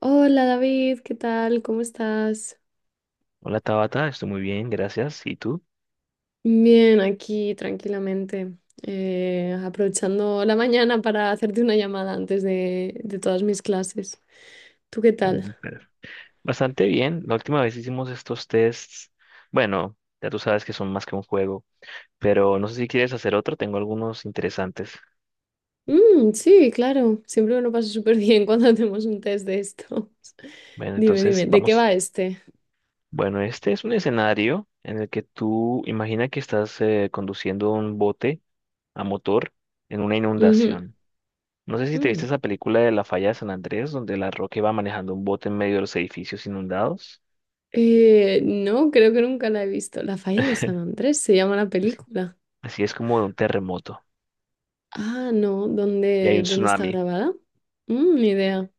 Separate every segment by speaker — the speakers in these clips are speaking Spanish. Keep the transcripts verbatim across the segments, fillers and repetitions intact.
Speaker 1: Hola David, ¿qué tal? ¿Cómo estás?
Speaker 2: Hola Tabata, estoy muy bien, gracias. ¿Y tú?
Speaker 1: Bien, aquí tranquilamente, eh, aprovechando la mañana para hacerte una llamada antes de, de todas mis clases. ¿Tú qué tal?
Speaker 2: Mm. Bastante bien. La última vez hicimos estos tests. Bueno, ya tú sabes que son más que un juego, pero no sé si quieres hacer otro, tengo algunos interesantes.
Speaker 1: Mm, sí, claro, siempre me lo paso súper bien cuando hacemos un test de estos.
Speaker 2: Bueno,
Speaker 1: Dime, dime,
Speaker 2: entonces
Speaker 1: ¿de qué va
Speaker 2: vamos.
Speaker 1: este?
Speaker 2: Bueno, este es un escenario en el que tú imagina que estás eh, conduciendo un bote a motor en una
Speaker 1: Ujú,
Speaker 2: inundación. No sé si te viste
Speaker 1: mm.
Speaker 2: esa película de La Falla de San Andrés, donde La Roca iba manejando un bote en medio de los edificios inundados.
Speaker 1: Eh, no, creo que nunca la he visto. La Falla de San Andrés se llama la
Speaker 2: Así
Speaker 1: película.
Speaker 2: así es como de un terremoto
Speaker 1: Ah, no,
Speaker 2: y hay
Speaker 1: ¿dónde,
Speaker 2: un
Speaker 1: dónde está
Speaker 2: tsunami.
Speaker 1: grabada? Mm, ni idea.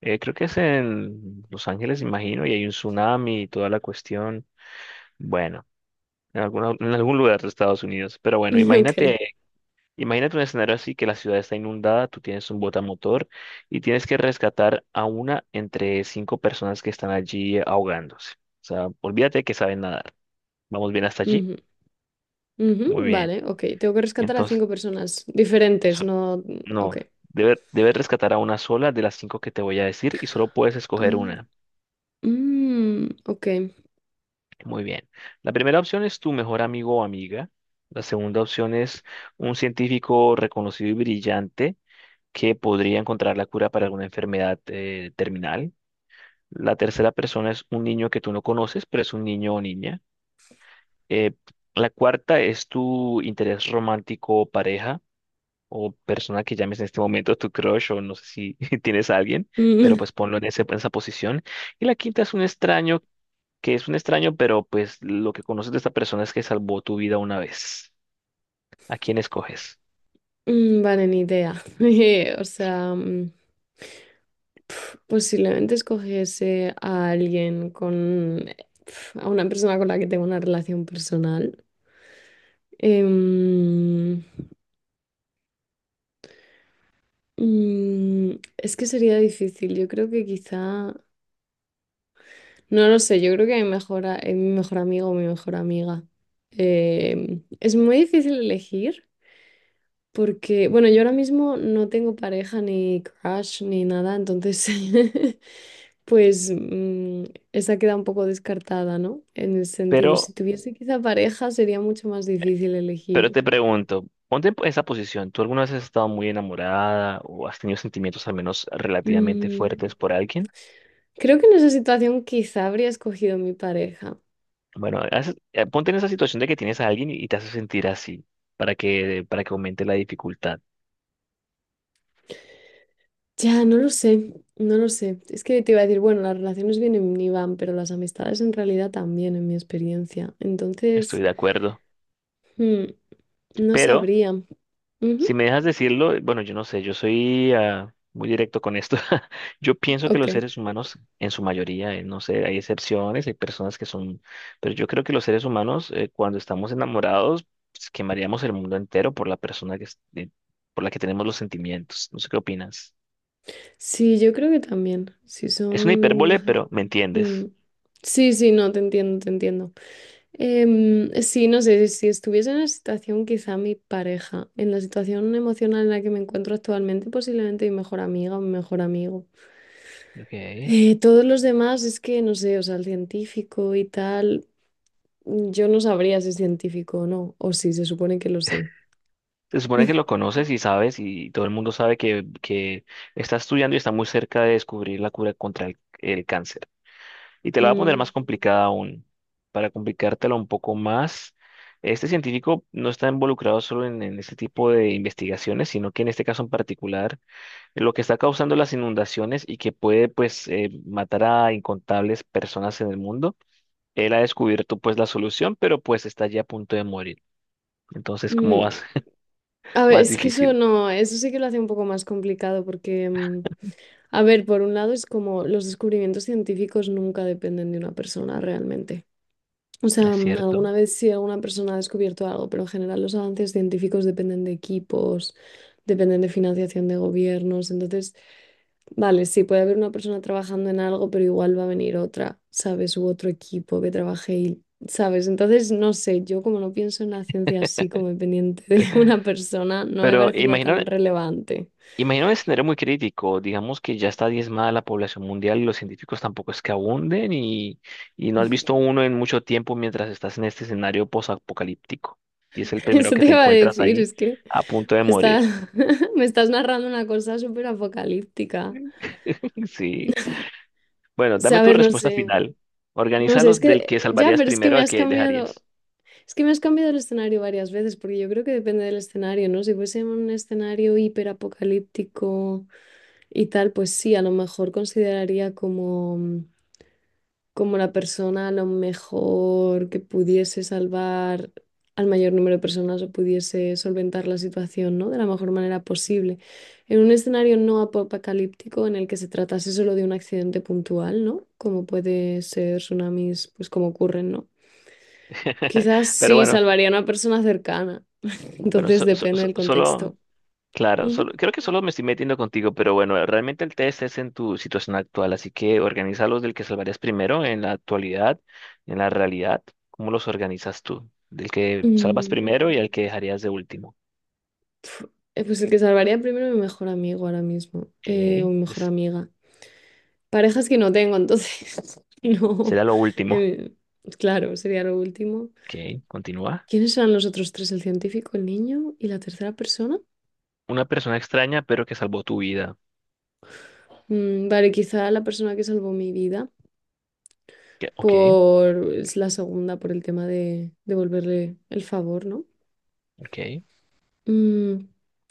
Speaker 2: Eh, creo que es en Los Ángeles, imagino, y hay un tsunami y toda la cuestión. Bueno, en alguna- en algún lugar de Estados Unidos. Pero bueno, imagínate,
Speaker 1: Ok.
Speaker 2: imagínate un escenario así que la ciudad está inundada, tú tienes un botamotor y tienes que rescatar a una entre cinco personas que están allí ahogándose. O sea, olvídate que saben nadar. ¿Vamos bien hasta allí?
Speaker 1: Ujú.
Speaker 2: Muy
Speaker 1: Ujú,
Speaker 2: bien.
Speaker 1: vale, ok. Tengo que rescatar a
Speaker 2: Entonces,
Speaker 1: cinco personas diferentes,
Speaker 2: so-
Speaker 1: no. Ok.
Speaker 2: no, debe- debes rescatar a una sola de las cinco que te voy a decir y solo puedes escoger
Speaker 1: Ah,
Speaker 2: una.
Speaker 1: mm, ok.
Speaker 2: Muy bien. La primera opción es tu mejor amigo o amiga. La segunda opción es un científico reconocido y brillante que podría encontrar la cura para alguna enfermedad eh, terminal. La tercera persona es un niño que tú no conoces, pero es un niño o niña. Eh, la cuarta es tu interés romántico o pareja o persona que llames en este momento tu crush o no sé si tienes a alguien, pero
Speaker 1: Mm,
Speaker 2: pues ponlo en ese- en esa posición. Y la quinta es un extraño que es un extraño, pero pues lo que conoces de esta persona es que salvó tu vida una vez. ¿A quién escoges?
Speaker 1: mm, vale, ni idea. Eh, O sea, mm, pf, posiblemente escogiese a alguien con. Pf, a una persona con la que tengo una relación personal. Em, mm, es que sería difícil. Yo creo que quizá. No lo sé, yo creo que mi mejor, a- eh, mi mejor amigo o mi mejor amiga. Em, es muy difícil elegir porque, bueno, yo ahora mismo no tengo pareja ni crush ni nada, entonces, pues mm, esa queda un poco descartada, ¿no? En el sentido, si
Speaker 2: Pero,
Speaker 1: tuviese quizá pareja sería mucho más difícil
Speaker 2: pero
Speaker 1: elegir.
Speaker 2: te pregunto, ponte en esa posición. ¿Tú alguna vez has estado muy enamorada o has tenido sentimientos al menos relativamente
Speaker 1: Mm,
Speaker 2: fuertes por alguien?
Speaker 1: Creo que en esa situación quizá habría escogido mi pareja.
Speaker 2: Bueno, haz- eh, ponte en esa situación de que tienes a alguien y te hace sentir así, para que, para que aumente la dificultad.
Speaker 1: Ya, no lo sé, no lo sé. Es que te iba a decir, bueno, las relaciones vienen y van, pero las amistades en realidad también, en mi experiencia.
Speaker 2: Estoy
Speaker 1: Entonces,
Speaker 2: de acuerdo.
Speaker 1: hmm, no
Speaker 2: Pero
Speaker 1: sabría. Ujú.
Speaker 2: si me dejas decirlo, bueno, yo no sé, yo soy ah, muy directo con esto. Yo pienso que los
Speaker 1: Ok.
Speaker 2: seres humanos, en su mayoría, eh, no sé, hay excepciones, hay personas que son, pero yo creo que los seres humanos, eh, cuando estamos enamorados, pues, quemaríamos el mundo entero por la persona que, es- eh, por la que tenemos los sentimientos. No sé qué opinas.
Speaker 1: Sí, yo creo que también. Si
Speaker 2: Es una hipérbole,
Speaker 1: son…
Speaker 2: pero me
Speaker 1: Mm.
Speaker 2: entiendes.
Speaker 1: Sí, sí, no, te entiendo, te entiendo. Em, sí, no sé, si estuviese en la situación, quizá mi pareja, en la situación emocional en la que me encuentro actualmente, posiblemente mi mejor amiga o mi mejor amigo.
Speaker 2: Okay.
Speaker 1: Eh, todos los demás es que no sé, o sea, el científico y tal, mm, yo no sabría si es científico o no, o si se supone que lo sé.
Speaker 2: Se supone que lo conoces y sabes, y todo el mundo sabe que, que está estudiando y está muy cerca de descubrir la cura contra el el cáncer. Y te la voy a poner
Speaker 1: Mm,
Speaker 2: más complicada aún. Para complicártela un poco más, este científico no está involucrado solo en, en este tipo de investigaciones, sino que en este caso en particular, lo que está causando las inundaciones y que puede pues eh, matar a incontables personas en el mundo, él ha descubierto pues la solución, pero pues está ya a punto de morir. Entonces, ¿cómo vas?
Speaker 1: mm. A ver,
Speaker 2: Más
Speaker 1: es que eso
Speaker 2: difícil,
Speaker 1: no, eso sí que lo hace un poco más complicado porque, mm, a ver, por un lado es como los descubrimientos científicos nunca dependen de una persona realmente. O sea,
Speaker 2: es
Speaker 1: mm,
Speaker 2: cierto.
Speaker 1: alguna vez sí alguna persona ha descubierto algo, pero en general los avances científicos dependen de equipos, dependen de financiación de gobiernos. Entonces, vale, sí, puede haber una persona trabajando en algo, pero igual va a venir otra, ¿sabes? U otro equipo que trabaje y, ¿sabes? Entonces, no sé, yo como no pienso en la ciencia así como dependiente de una persona, no me
Speaker 2: Pero
Speaker 1: parecería tan
Speaker 2: imagina,
Speaker 1: relevante.
Speaker 2: imagino un escenario muy crítico, digamos que ya está diezmada la población mundial y los científicos tampoco es que abunden y, y no has visto uno en mucho tiempo mientras estás en este escenario posapocalíptico y es el primero
Speaker 1: Eso
Speaker 2: que
Speaker 1: te
Speaker 2: te
Speaker 1: iba a
Speaker 2: encuentras
Speaker 1: decir,
Speaker 2: ahí
Speaker 1: es que
Speaker 2: a punto
Speaker 1: me
Speaker 2: de
Speaker 1: está-
Speaker 2: morir.
Speaker 1: me estás narrando una cosa súper apocalíptica.
Speaker 2: Sí. Bueno,
Speaker 1: O sea,
Speaker 2: dame
Speaker 1: a
Speaker 2: tu
Speaker 1: ver, no
Speaker 2: respuesta
Speaker 1: sé.
Speaker 2: final.
Speaker 1: No sé, es
Speaker 2: Organízalos del
Speaker 1: que
Speaker 2: que
Speaker 1: ya,
Speaker 2: salvarías
Speaker 1: pero es que
Speaker 2: primero
Speaker 1: me
Speaker 2: al
Speaker 1: has
Speaker 2: que
Speaker 1: cambiado,
Speaker 2: dejarías.
Speaker 1: es que me has cambiado el escenario varias veces, porque yo creo que depende del escenario, ¿no? Si fuese un escenario hiperapocalíptico y tal, pues sí, a lo mejor consideraría como, como la persona a lo mejor que pudiese salvar al mayor número de personas o pudiese solventar la situación, ¿no? De la mejor manera posible. En un escenario no apocalíptico en el que se tratase solo de un accidente puntual, ¿no? Como puede ser tsunamis, pues como ocurren, ¿no? Quizás
Speaker 2: Pero
Speaker 1: sí
Speaker 2: bueno,
Speaker 1: salvarían a persona cercana.
Speaker 2: bueno,
Speaker 1: Entonces
Speaker 2: so- so-
Speaker 1: depende
Speaker 2: so-
Speaker 1: del
Speaker 2: solo,
Speaker 1: contexto.
Speaker 2: claro, solo,
Speaker 1: Ujú.
Speaker 2: creo que solo me estoy metiendo contigo, pero bueno, realmente el test es en tu situación actual, así que organiza los del que salvarías primero en la actualidad, en la realidad. ¿Cómo los organizas tú? Del que salvas
Speaker 1: Mm,
Speaker 2: primero y al que dejarías de último.
Speaker 1: pf, eh, pues el que salvaría primero mi mejor amigo ahora mismo. Eh, o
Speaker 2: Ok,
Speaker 1: mi mejor
Speaker 2: es-
Speaker 1: amiga. Parejas que no tengo, entonces no.
Speaker 2: será lo último.
Speaker 1: Em, claro, sería lo último.
Speaker 2: Ok, continúa.
Speaker 1: ¿Quiénes eran los otros tres? El científico, el niño y la tercera persona.
Speaker 2: Una persona extraña, pero que salvó tu vida.
Speaker 1: Mm, vale, quizá la persona que salvó mi vida
Speaker 2: Que- Ok,
Speaker 1: por es la segunda, por el tema de devolverle el favor, ¿no?
Speaker 2: ok,
Speaker 1: Mm,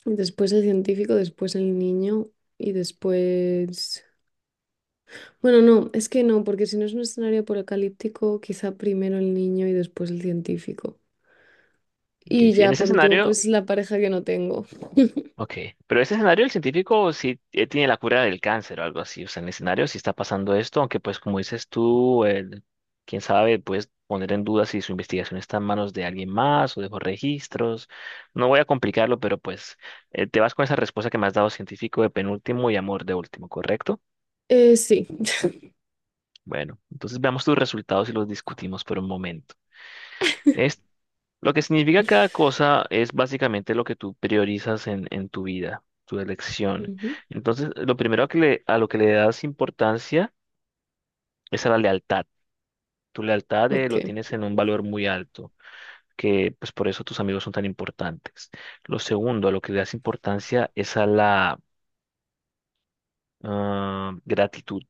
Speaker 1: después el científico, después el niño y después… Bueno, no, es que no, porque si no es un escenario apocalíptico, quizá primero el niño y después el científico.
Speaker 2: ok.
Speaker 1: Y
Speaker 2: Si en
Speaker 1: ya
Speaker 2: ese
Speaker 1: por último,
Speaker 2: escenario,
Speaker 1: pues la pareja que no tengo.
Speaker 2: ok, pero ese escenario el científico sí eh, tiene la cura del cáncer o algo así, o sea, en el escenario sí está pasando esto, aunque pues como dices tú, el- quién sabe, puedes poner en duda si su investigación está en manos de alguien más o de los registros, no voy a complicarlo, pero pues eh, te vas con esa respuesta que me has dado científico de penúltimo y amor de último, ¿correcto?
Speaker 1: Eh, sí.
Speaker 2: Bueno, entonces veamos tus resultados y los discutimos por un momento. Lo que significa cada cosa es básicamente lo que tú priorizas en, en tu vida, tu elección.
Speaker 1: Ujú.
Speaker 2: Entonces, lo primero que le- a lo que le das importancia es a la lealtad. Tu lealtad eh,
Speaker 1: Ok.
Speaker 2: lo tienes en un valor muy alto, que pues por eso tus amigos son tan importantes. Lo segundo, a lo que le das importancia es a la ah, gratitud.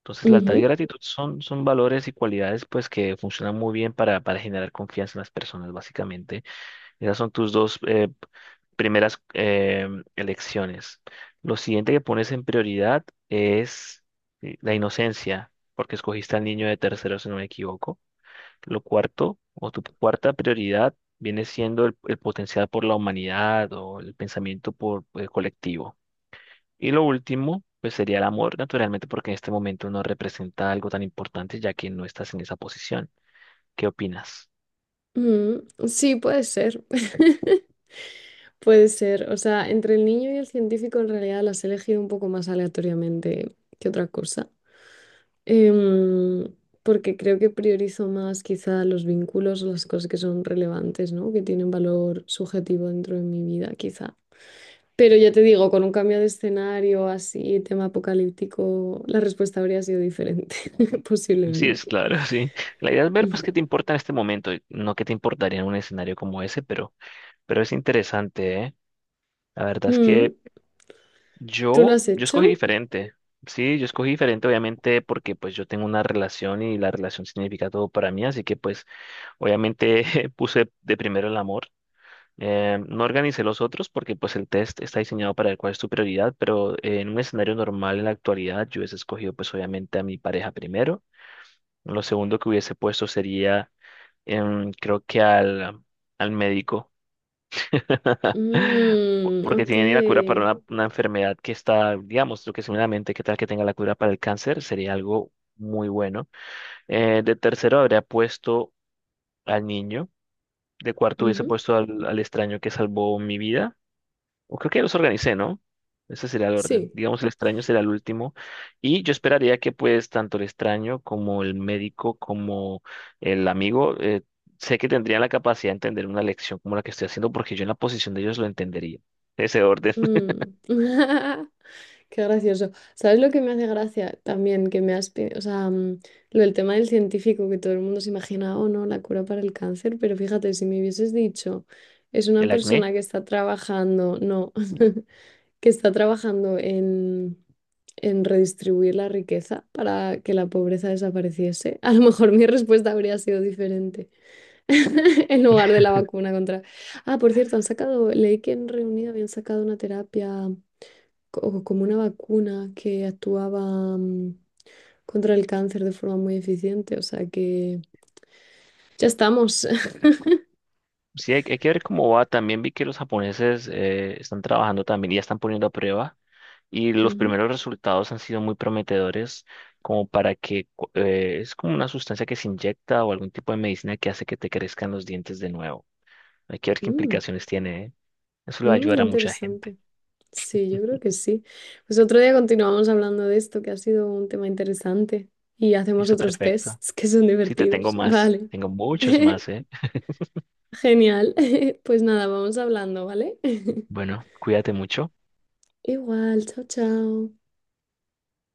Speaker 2: Entonces, lealtad y
Speaker 1: Ujú,
Speaker 2: gratitud son, son valores y cualidades pues que funcionan muy bien para, para generar confianza en las personas, básicamente. Esas son tus dos eh, primeras eh, elecciones. Lo siguiente que pones en prioridad es eh, la inocencia, porque escogiste al niño de tercero, si no me equivoco. Lo cuarto, o tu cuarta prioridad, viene siendo el, el potencial por la humanidad o el pensamiento por eh, colectivo. Y lo último, pues sería el amor, naturalmente, porque en este momento no representa algo tan importante, ya que no estás en esa posición. ¿Qué opinas?
Speaker 1: mm, sí, puede ser. Puede ser. O sea, entre el niño y el científico en realidad las he elegido un poco más aleatoriamente que otra cosa. Em, Porque creo que priorizo más quizá los vínculos, las cosas que son relevantes, ¿no? Que tienen valor subjetivo dentro de mi vida, quizá. Pero ya te digo, con un cambio de escenario así, tema apocalíptico, la respuesta habría sido diferente,
Speaker 2: Sí, es
Speaker 1: posiblemente.
Speaker 2: claro, sí. La idea es ver, pues, qué te importa en este momento, y no qué te importaría en un escenario como ese, pero, pero es interesante, ¿eh? La verdad es
Speaker 1: Mm,
Speaker 2: que
Speaker 1: ¿tú lo
Speaker 2: yo,
Speaker 1: has
Speaker 2: yo escogí
Speaker 1: hecho?
Speaker 2: diferente. Sí, yo escogí diferente, obviamente, porque pues yo tengo una relación y la relación significa todo para mí, así que pues, obviamente, puse de primero el amor. Eh, no organicé los otros porque pues el test está diseñado para ver cuál es tu prioridad, pero eh, en un escenario normal en la actualidad yo hubiese escogido pues obviamente a mi pareja primero. Lo segundo que hubiese puesto sería em, creo que al, al médico, por-
Speaker 1: Mm,
Speaker 2: porque
Speaker 1: ok.
Speaker 2: tiene la cura para una, una enfermedad que está, digamos, lo que seguramente, qué tal que tenga la cura para el cáncer, sería algo muy bueno. Eh, de tercero habría puesto al niño, de cuarto hubiese
Speaker 1: Ujú.
Speaker 2: puesto al, al extraño que salvó mi vida. O creo que ya los organicé, ¿no? Ese sería el orden.
Speaker 1: Sí.
Speaker 2: Digamos, el extraño será el último. Y yo esperaría que pues tanto el extraño como el médico como el amigo, eh, sé que tendrían la capacidad de entender una lección como la que estoy haciendo porque yo en la posición de ellos lo entendería. Ese orden.
Speaker 1: Mm. Qué gracioso. ¿Sabes lo que me hace gracia también? Que me has, pe- o sea, mm, lo del tema del científico, que todo el mundo se imagina, oh no, la cura para el cáncer, pero fíjate, si me hubieses dicho, es una
Speaker 2: El acné.
Speaker 1: persona que está trabajando, no, que está trabajando en, en redistribuir la riqueza para que la pobreza desapareciese, a lo mejor mi respuesta habría sido diferente en lugar de la vacuna contra… Ah, por cierto, han sacado, leí que en Reunido habían sacado una terapia co- como una vacuna que actuaba mm, contra el cáncer de forma muy eficiente. O sea que ya estamos.
Speaker 2: Sí, hay, hay que ver cómo va. También vi que los japoneses eh, están trabajando también y ya están poniendo a prueba. Y los
Speaker 1: Ujú.
Speaker 2: primeros resultados han sido muy prometedores, como para que cu- eh, es como una sustancia que se inyecta o algún tipo de medicina que hace que te crezcan los dientes de nuevo. Hay que ver qué
Speaker 1: Mm,
Speaker 2: implicaciones tiene, ¿eh? Eso le va a
Speaker 1: mm, qué
Speaker 2: ayudar a mucha gente.
Speaker 1: interesante. Sí, yo creo que sí. Pues otro día continuamos hablando de esto, que ha sido un tema interesante. Y hacemos
Speaker 2: Listo,
Speaker 1: otros
Speaker 2: perfecto.
Speaker 1: tests que son
Speaker 2: Sí, te tengo
Speaker 1: divertidos.
Speaker 2: más.
Speaker 1: Vale.
Speaker 2: Tengo muchos más, ¿eh?
Speaker 1: Genial. Pues nada, vamos hablando, ¿vale?
Speaker 2: Bueno, cuídate mucho.
Speaker 1: Igual, chao, chao.